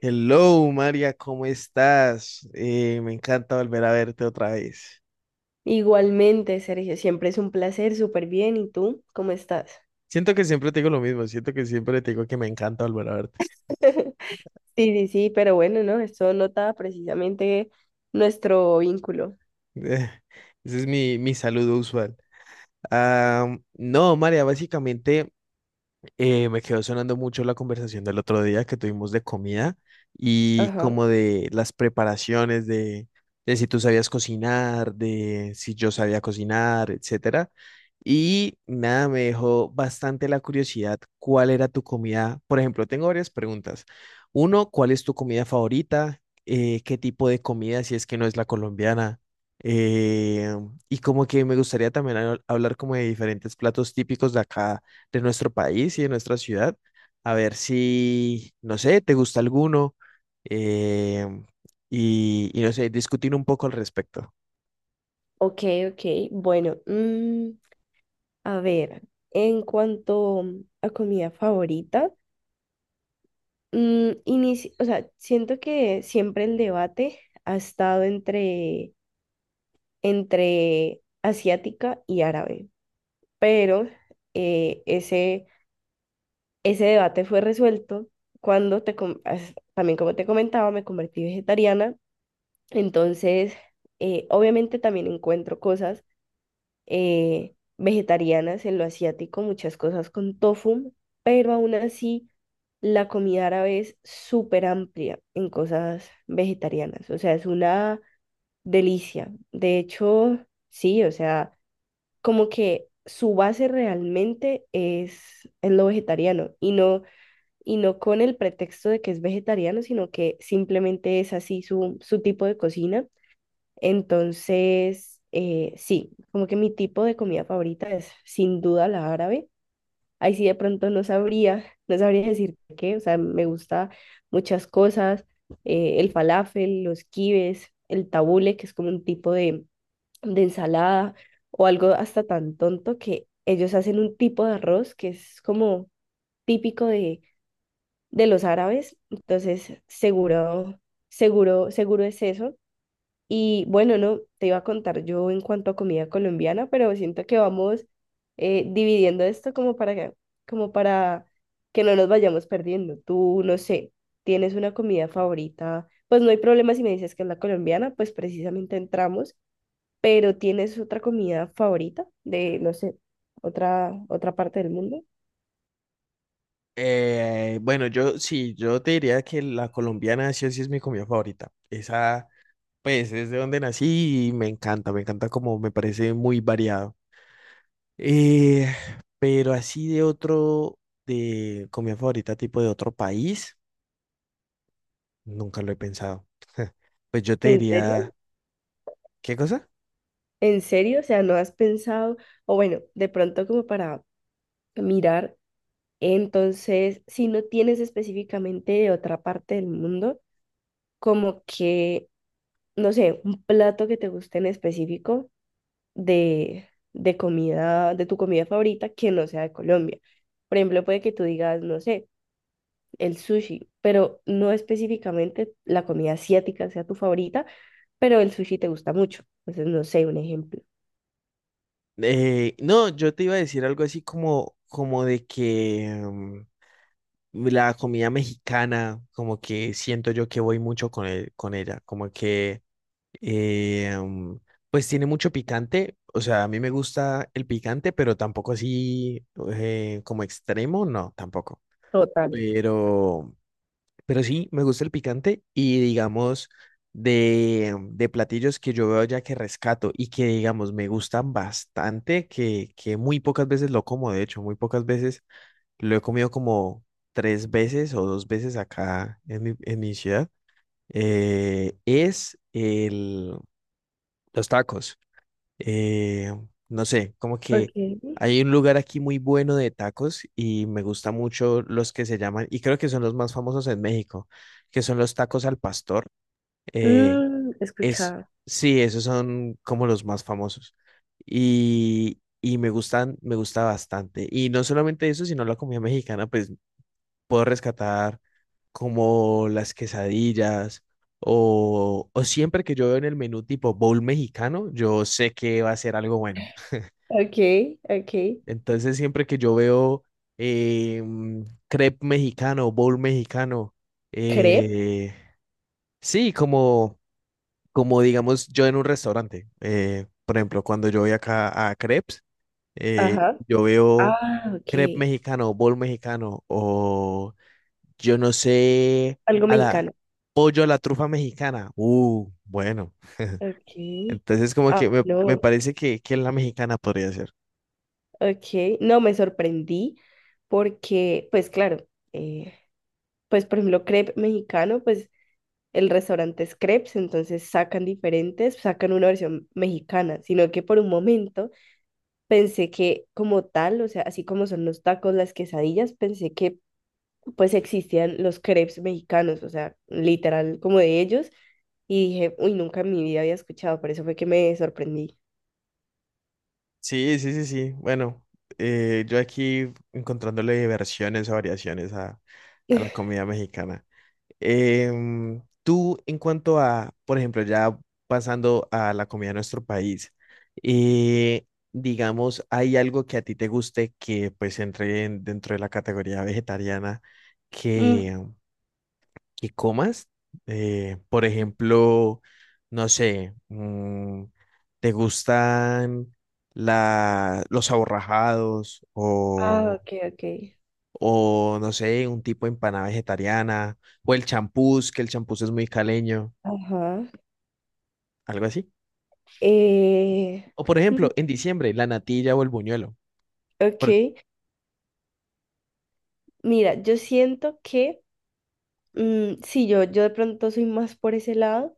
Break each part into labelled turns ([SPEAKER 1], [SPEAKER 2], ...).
[SPEAKER 1] Hello, María, ¿cómo estás? Me encanta volver a verte otra vez.
[SPEAKER 2] Igualmente, Sergio, siempre es un placer, súper bien. ¿Y tú? ¿Cómo estás?
[SPEAKER 1] Siento que siempre te digo lo mismo, siento que siempre te digo que me encanta volver a verte.
[SPEAKER 2] Sí, sí, sí, pero bueno, ¿no? Esto nota precisamente nuestro vínculo.
[SPEAKER 1] Ese es mi saludo usual. Ah, no, María, básicamente me quedó sonando mucho la conversación del otro día que tuvimos de comida y
[SPEAKER 2] Ajá,
[SPEAKER 1] como de las de si tú sabías cocinar, de si yo sabía cocinar, etcétera. Y nada, me dejó bastante la curiosidad cuál era tu comida. Por ejemplo, tengo varias preguntas. Uno, ¿cuál es tu comida favorita? ¿Qué tipo de comida si es que no es la colombiana? Eh, y como que me gustaría también hablar como de diferentes platos típicos de acá, de nuestro país y de nuestra ciudad. A ver si, no sé, te gusta alguno, eh, y, no sé, discutir un poco al respecto.
[SPEAKER 2] ok, ok. Bueno, a ver, en cuanto a comida favorita, o sea, siento que siempre el debate ha estado entre asiática y árabe, pero eh, ese Ese debate fue resuelto cuando también como te comentaba, me convertí vegetariana. Entonces, obviamente también encuentro cosas vegetarianas en lo asiático, muchas cosas con tofu, pero aún así la comida árabe es súper amplia en cosas vegetarianas. O sea, es una delicia. De hecho, sí, o sea, como que su base realmente es lo vegetariano y no con el pretexto de que es vegetariano, sino que simplemente es así su tipo de cocina. Entonces, sí, como que mi tipo de comida favorita es sin duda la árabe. Ahí sí de pronto no sabría, no sabría decir qué, o sea, me gusta muchas cosas, el falafel, los kibes, el tabule, que es como un tipo de ensalada, o algo hasta tan tonto que ellos hacen un tipo de arroz que es como típico de los árabes, entonces seguro, seguro, seguro es eso. Y bueno, no, te iba a contar yo en cuanto a comida colombiana, pero siento que vamos dividiendo esto como para que no nos vayamos perdiendo. Tú, no sé, tienes una comida favorita, pues no hay problema si me dices que es la colombiana, pues precisamente entramos, pero tienes otra comida favorita de, no sé, otra parte del mundo.
[SPEAKER 1] Bueno, yo sí, yo te diría que la colombiana sí o sí es mi comida favorita. Esa, pues, es de donde nací y me encanta, me encanta, como me parece muy variado. Eh, pero así de de comida favorita tipo de otro país, nunca lo he pensado. Pues yo te
[SPEAKER 2] ¿En serio?
[SPEAKER 1] diría, ¿qué cosa?
[SPEAKER 2] ¿En serio? O sea, ¿no has pensado? O bueno, de pronto como para mirar, entonces, si no tienes específicamente de otra parte del mundo, como que, no sé, un plato que te guste en específico de, de comida, de tu comida favorita que no sea de Colombia. Por ejemplo, puede que tú digas, no sé, el sushi, pero no específicamente la comida asiática sea tu favorita, pero el sushi te gusta mucho. Entonces, no sé, un ejemplo.
[SPEAKER 1] No, yo te iba a decir algo así como, como de que la comida mexicana, como que siento yo que voy mucho con ella, como que eh, mm, pues tiene mucho picante, o sea, a mí me gusta el picante, pero tampoco así, como extremo, no, tampoco.
[SPEAKER 2] Total.
[SPEAKER 1] Pero Pero sí, me gusta el picante y digamos de platillos que yo veo ya que rescato y que digamos me gustan bastante, que muy pocas veces lo como, de hecho, muy pocas veces lo he comido como tres veces o dos veces acá en en mi ciudad, eh, es el, los tacos. Eh, no sé, como
[SPEAKER 2] Ok.
[SPEAKER 1] que hay un lugar aquí muy bueno de tacos y me gusta mucho los que se llaman, y creo que son los más famosos en México, que son los tacos al pastor. Eh,
[SPEAKER 2] He
[SPEAKER 1] es,
[SPEAKER 2] escuchado.
[SPEAKER 1] sí, esos son como los más famosos. Y, me gustan, me gusta bastante. Y no solamente eso, sino la comida mexicana, pues puedo rescatar como las quesadillas. O siempre que yo veo en el menú tipo bowl mexicano, yo sé que va a ser algo bueno.
[SPEAKER 2] Ok, ok.
[SPEAKER 1] Entonces, siempre que yo veo eh, mm, crepe mexicano, bowl mexicano,
[SPEAKER 2] Crepe.
[SPEAKER 1] eh, sí, como, como digamos yo en un restaurante, por ejemplo, cuando yo voy acá a crepes, eh,
[SPEAKER 2] Ajá.
[SPEAKER 1] yo veo
[SPEAKER 2] Ah, ok.
[SPEAKER 1] crepe mexicano, bowl mexicano, o yo no sé,
[SPEAKER 2] Algo
[SPEAKER 1] a la
[SPEAKER 2] mexicano.
[SPEAKER 1] pollo a la trufa mexicana. Bueno.
[SPEAKER 2] Ok.
[SPEAKER 1] Entonces, como
[SPEAKER 2] Ah,
[SPEAKER 1] que me
[SPEAKER 2] no.
[SPEAKER 1] parece que, la mexicana podría ser.
[SPEAKER 2] Ok. No, me sorprendí porque, pues claro, eh, pues por ejemplo, crepe mexicano, pues el restaurante es crepes, entonces sacan diferentes, sacan una versión mexicana, sino que por un momento pensé que como tal, o sea, así como son los tacos, las quesadillas, pensé que pues existían los crepes mexicanos, o sea, literal como de ellos, y dije, uy, nunca en mi vida había escuchado, por eso fue que me sorprendí.
[SPEAKER 1] Sí, sí, sí, sí. Bueno, yo aquí encontrándole versiones o variaciones a la comida mexicana. Tú, en cuanto a, por ejemplo, ya pasando a la comida de nuestro país, eh, digamos, ¿hay algo que a ti te guste que pues dentro de la categoría vegetariana
[SPEAKER 2] Mm,
[SPEAKER 1] que comas? Por ejemplo, no sé, ¿te gustan los aborrajados
[SPEAKER 2] ah, ok, ok.
[SPEAKER 1] o, no sé, un tipo de empanada vegetariana o el champús, que el champús es muy caleño,
[SPEAKER 2] Ajá.
[SPEAKER 1] algo así?
[SPEAKER 2] Eh,
[SPEAKER 1] O por
[SPEAKER 2] mm,
[SPEAKER 1] ejemplo, en diciembre, la natilla o el buñuelo. Por-
[SPEAKER 2] ok. Mira, yo siento que, sí, yo de pronto soy más por ese lado,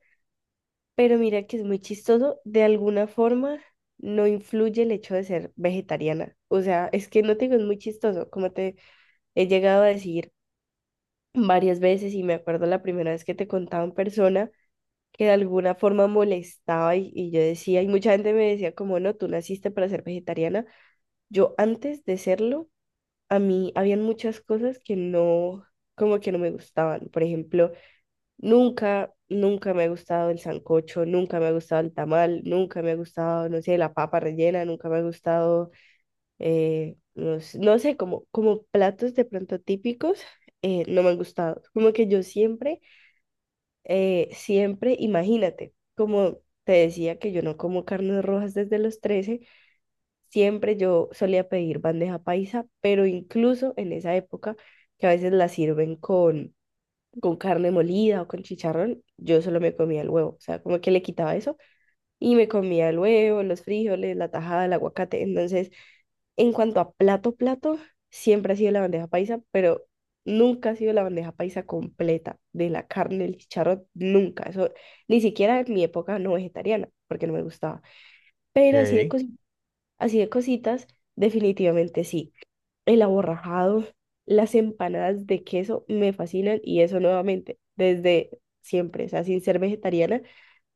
[SPEAKER 2] pero mira que es muy chistoso, de alguna forma no influye el hecho de ser vegetariana. O sea, es que no te digo, es muy chistoso, como te he llegado a decir varias veces y me acuerdo la primera vez que te contaba en persona que de alguna forma molestaba y yo decía, y mucha gente me decía como, no, tú naciste para ser vegetariana. Yo antes de serlo, a mí habían muchas cosas que no, como que no me gustaban. Por ejemplo, nunca, nunca me ha gustado el sancocho, nunca me ha gustado el tamal, nunca me ha gustado, no sé, la papa rellena, nunca me ha gustado, no, no sé, como, platos de pronto típicos, no me han gustado. Como que yo siempre siempre, imagínate, como te decía que yo no como carnes rojas desde los 13 siempre yo solía pedir bandeja paisa, pero incluso en esa época que a veces la sirven con carne molida o con chicharrón, yo solo me comía el huevo, o sea, como que le quitaba eso y me comía el huevo, los frijoles, la tajada, el aguacate. Entonces, en cuanto a plato, plato, siempre ha sido la bandeja paisa, pero nunca ha sido la bandeja paisa completa de la carne, el chicharrón, nunca. Eso ni siquiera en mi época no vegetariana, porque no me gustaba. Pero así de,
[SPEAKER 1] Ok.
[SPEAKER 2] así de cositas, definitivamente sí. El aborrajado, las empanadas de queso me fascinan y eso nuevamente, desde siempre, o sea, sin ser vegetariana,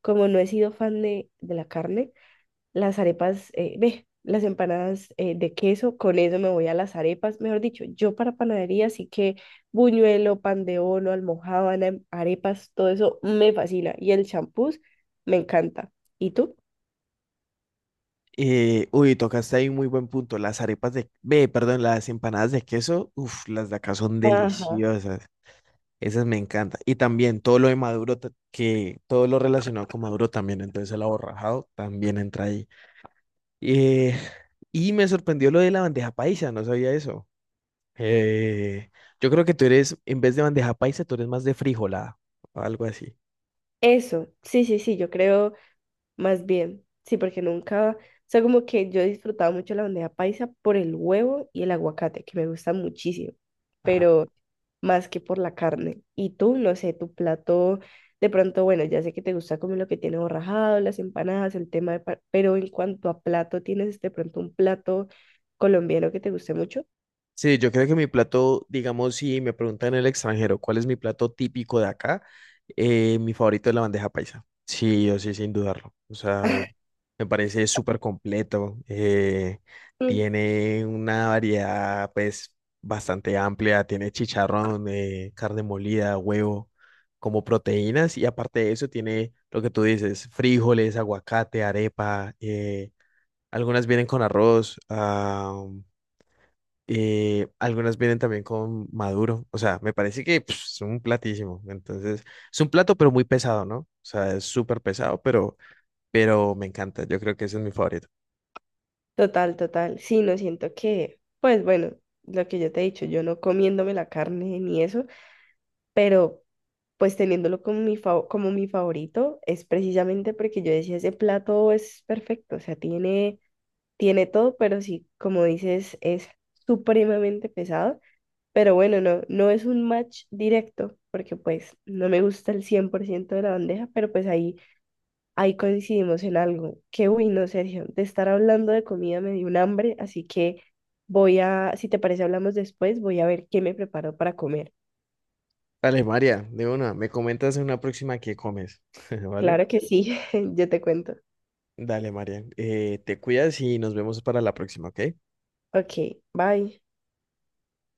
[SPEAKER 2] como no he sido fan de la carne las arepas, ve, las empanadas de queso, con eso me voy a las arepas. Mejor dicho, yo para panadería sí que buñuelo, pan de bono, almojábana, arepas, todo eso me fascina. Y el champús me encanta. ¿Y tú?
[SPEAKER 1] Uy, tocaste ahí un muy buen punto. Las arepas de, ve, perdón, Las empanadas de queso, uff, las de acá son
[SPEAKER 2] Ajá.
[SPEAKER 1] deliciosas. Esas me encanta. Y también todo lo de que todo lo relacionado con Maduro también, entonces el aborrajado también entra ahí. Eh, y me sorprendió lo de la bandeja paisa, no sabía eso. Eh, yo creo que tú eres, en vez de bandeja paisa, tú eres más de frijolada o algo así.
[SPEAKER 2] Eso, sí, sí, sí, yo creo. Más bien, sí, porque nunca, o sea, como que yo he disfrutado mucho la bandeja paisa por el huevo y el aguacate, que me gusta muchísimo, pero más que por la carne. Y tú, no sé, tu plato, de pronto, bueno, ya sé que te gusta comer lo que tiene borrajado, las empanadas, el tema de, pero en cuanto a plato, ¿tienes de pronto un plato colombiano que te guste mucho?
[SPEAKER 1] Sí, yo creo que mi plato, digamos, si me preguntan en el extranjero cuál es mi plato típico de acá, mi favorito es la bandeja paisa. Sí, yo sí, sin dudarlo. O sea, me parece súper completo.
[SPEAKER 2] Mm.
[SPEAKER 1] Tiene una variedad, pues, bastante amplia. Tiene chicharrón, carne molida, huevo, como proteínas. Y aparte de eso, tiene lo que tú dices, frijoles, aguacate, arepa. Algunas vienen con arroz. Algunas vienen también con maduro, o sea, me parece que pf, es un platísimo, entonces es un plato pero muy pesado, ¿no? O sea, es súper pesado, pero, me encanta, yo creo que ese es mi favorito.
[SPEAKER 2] Total, total. Sí, no siento que, pues bueno, lo que yo te he dicho, yo no comiéndome la carne ni eso pero pues teniéndolo como mi, como mi favorito es precisamente porque yo decía, ese plato es perfecto, o sea, tiene, todo, pero sí, como dices, es supremamente pesado, pero bueno, no, no es un match directo, porque pues no me gusta el 100% de la bandeja, pero pues ahí, coincidimos en algo, que uy, no, Sergio, de estar hablando de comida me dio un hambre, así que voy a, si te parece, hablamos después, voy a ver qué me preparo para comer.
[SPEAKER 1] Dale, María, de una, me comentas en una próxima qué comes, ¿vale?
[SPEAKER 2] Claro que sí, yo te cuento.
[SPEAKER 1] Dale, María, te cuidas y nos vemos para la próxima, ¿ok?
[SPEAKER 2] Ok, bye.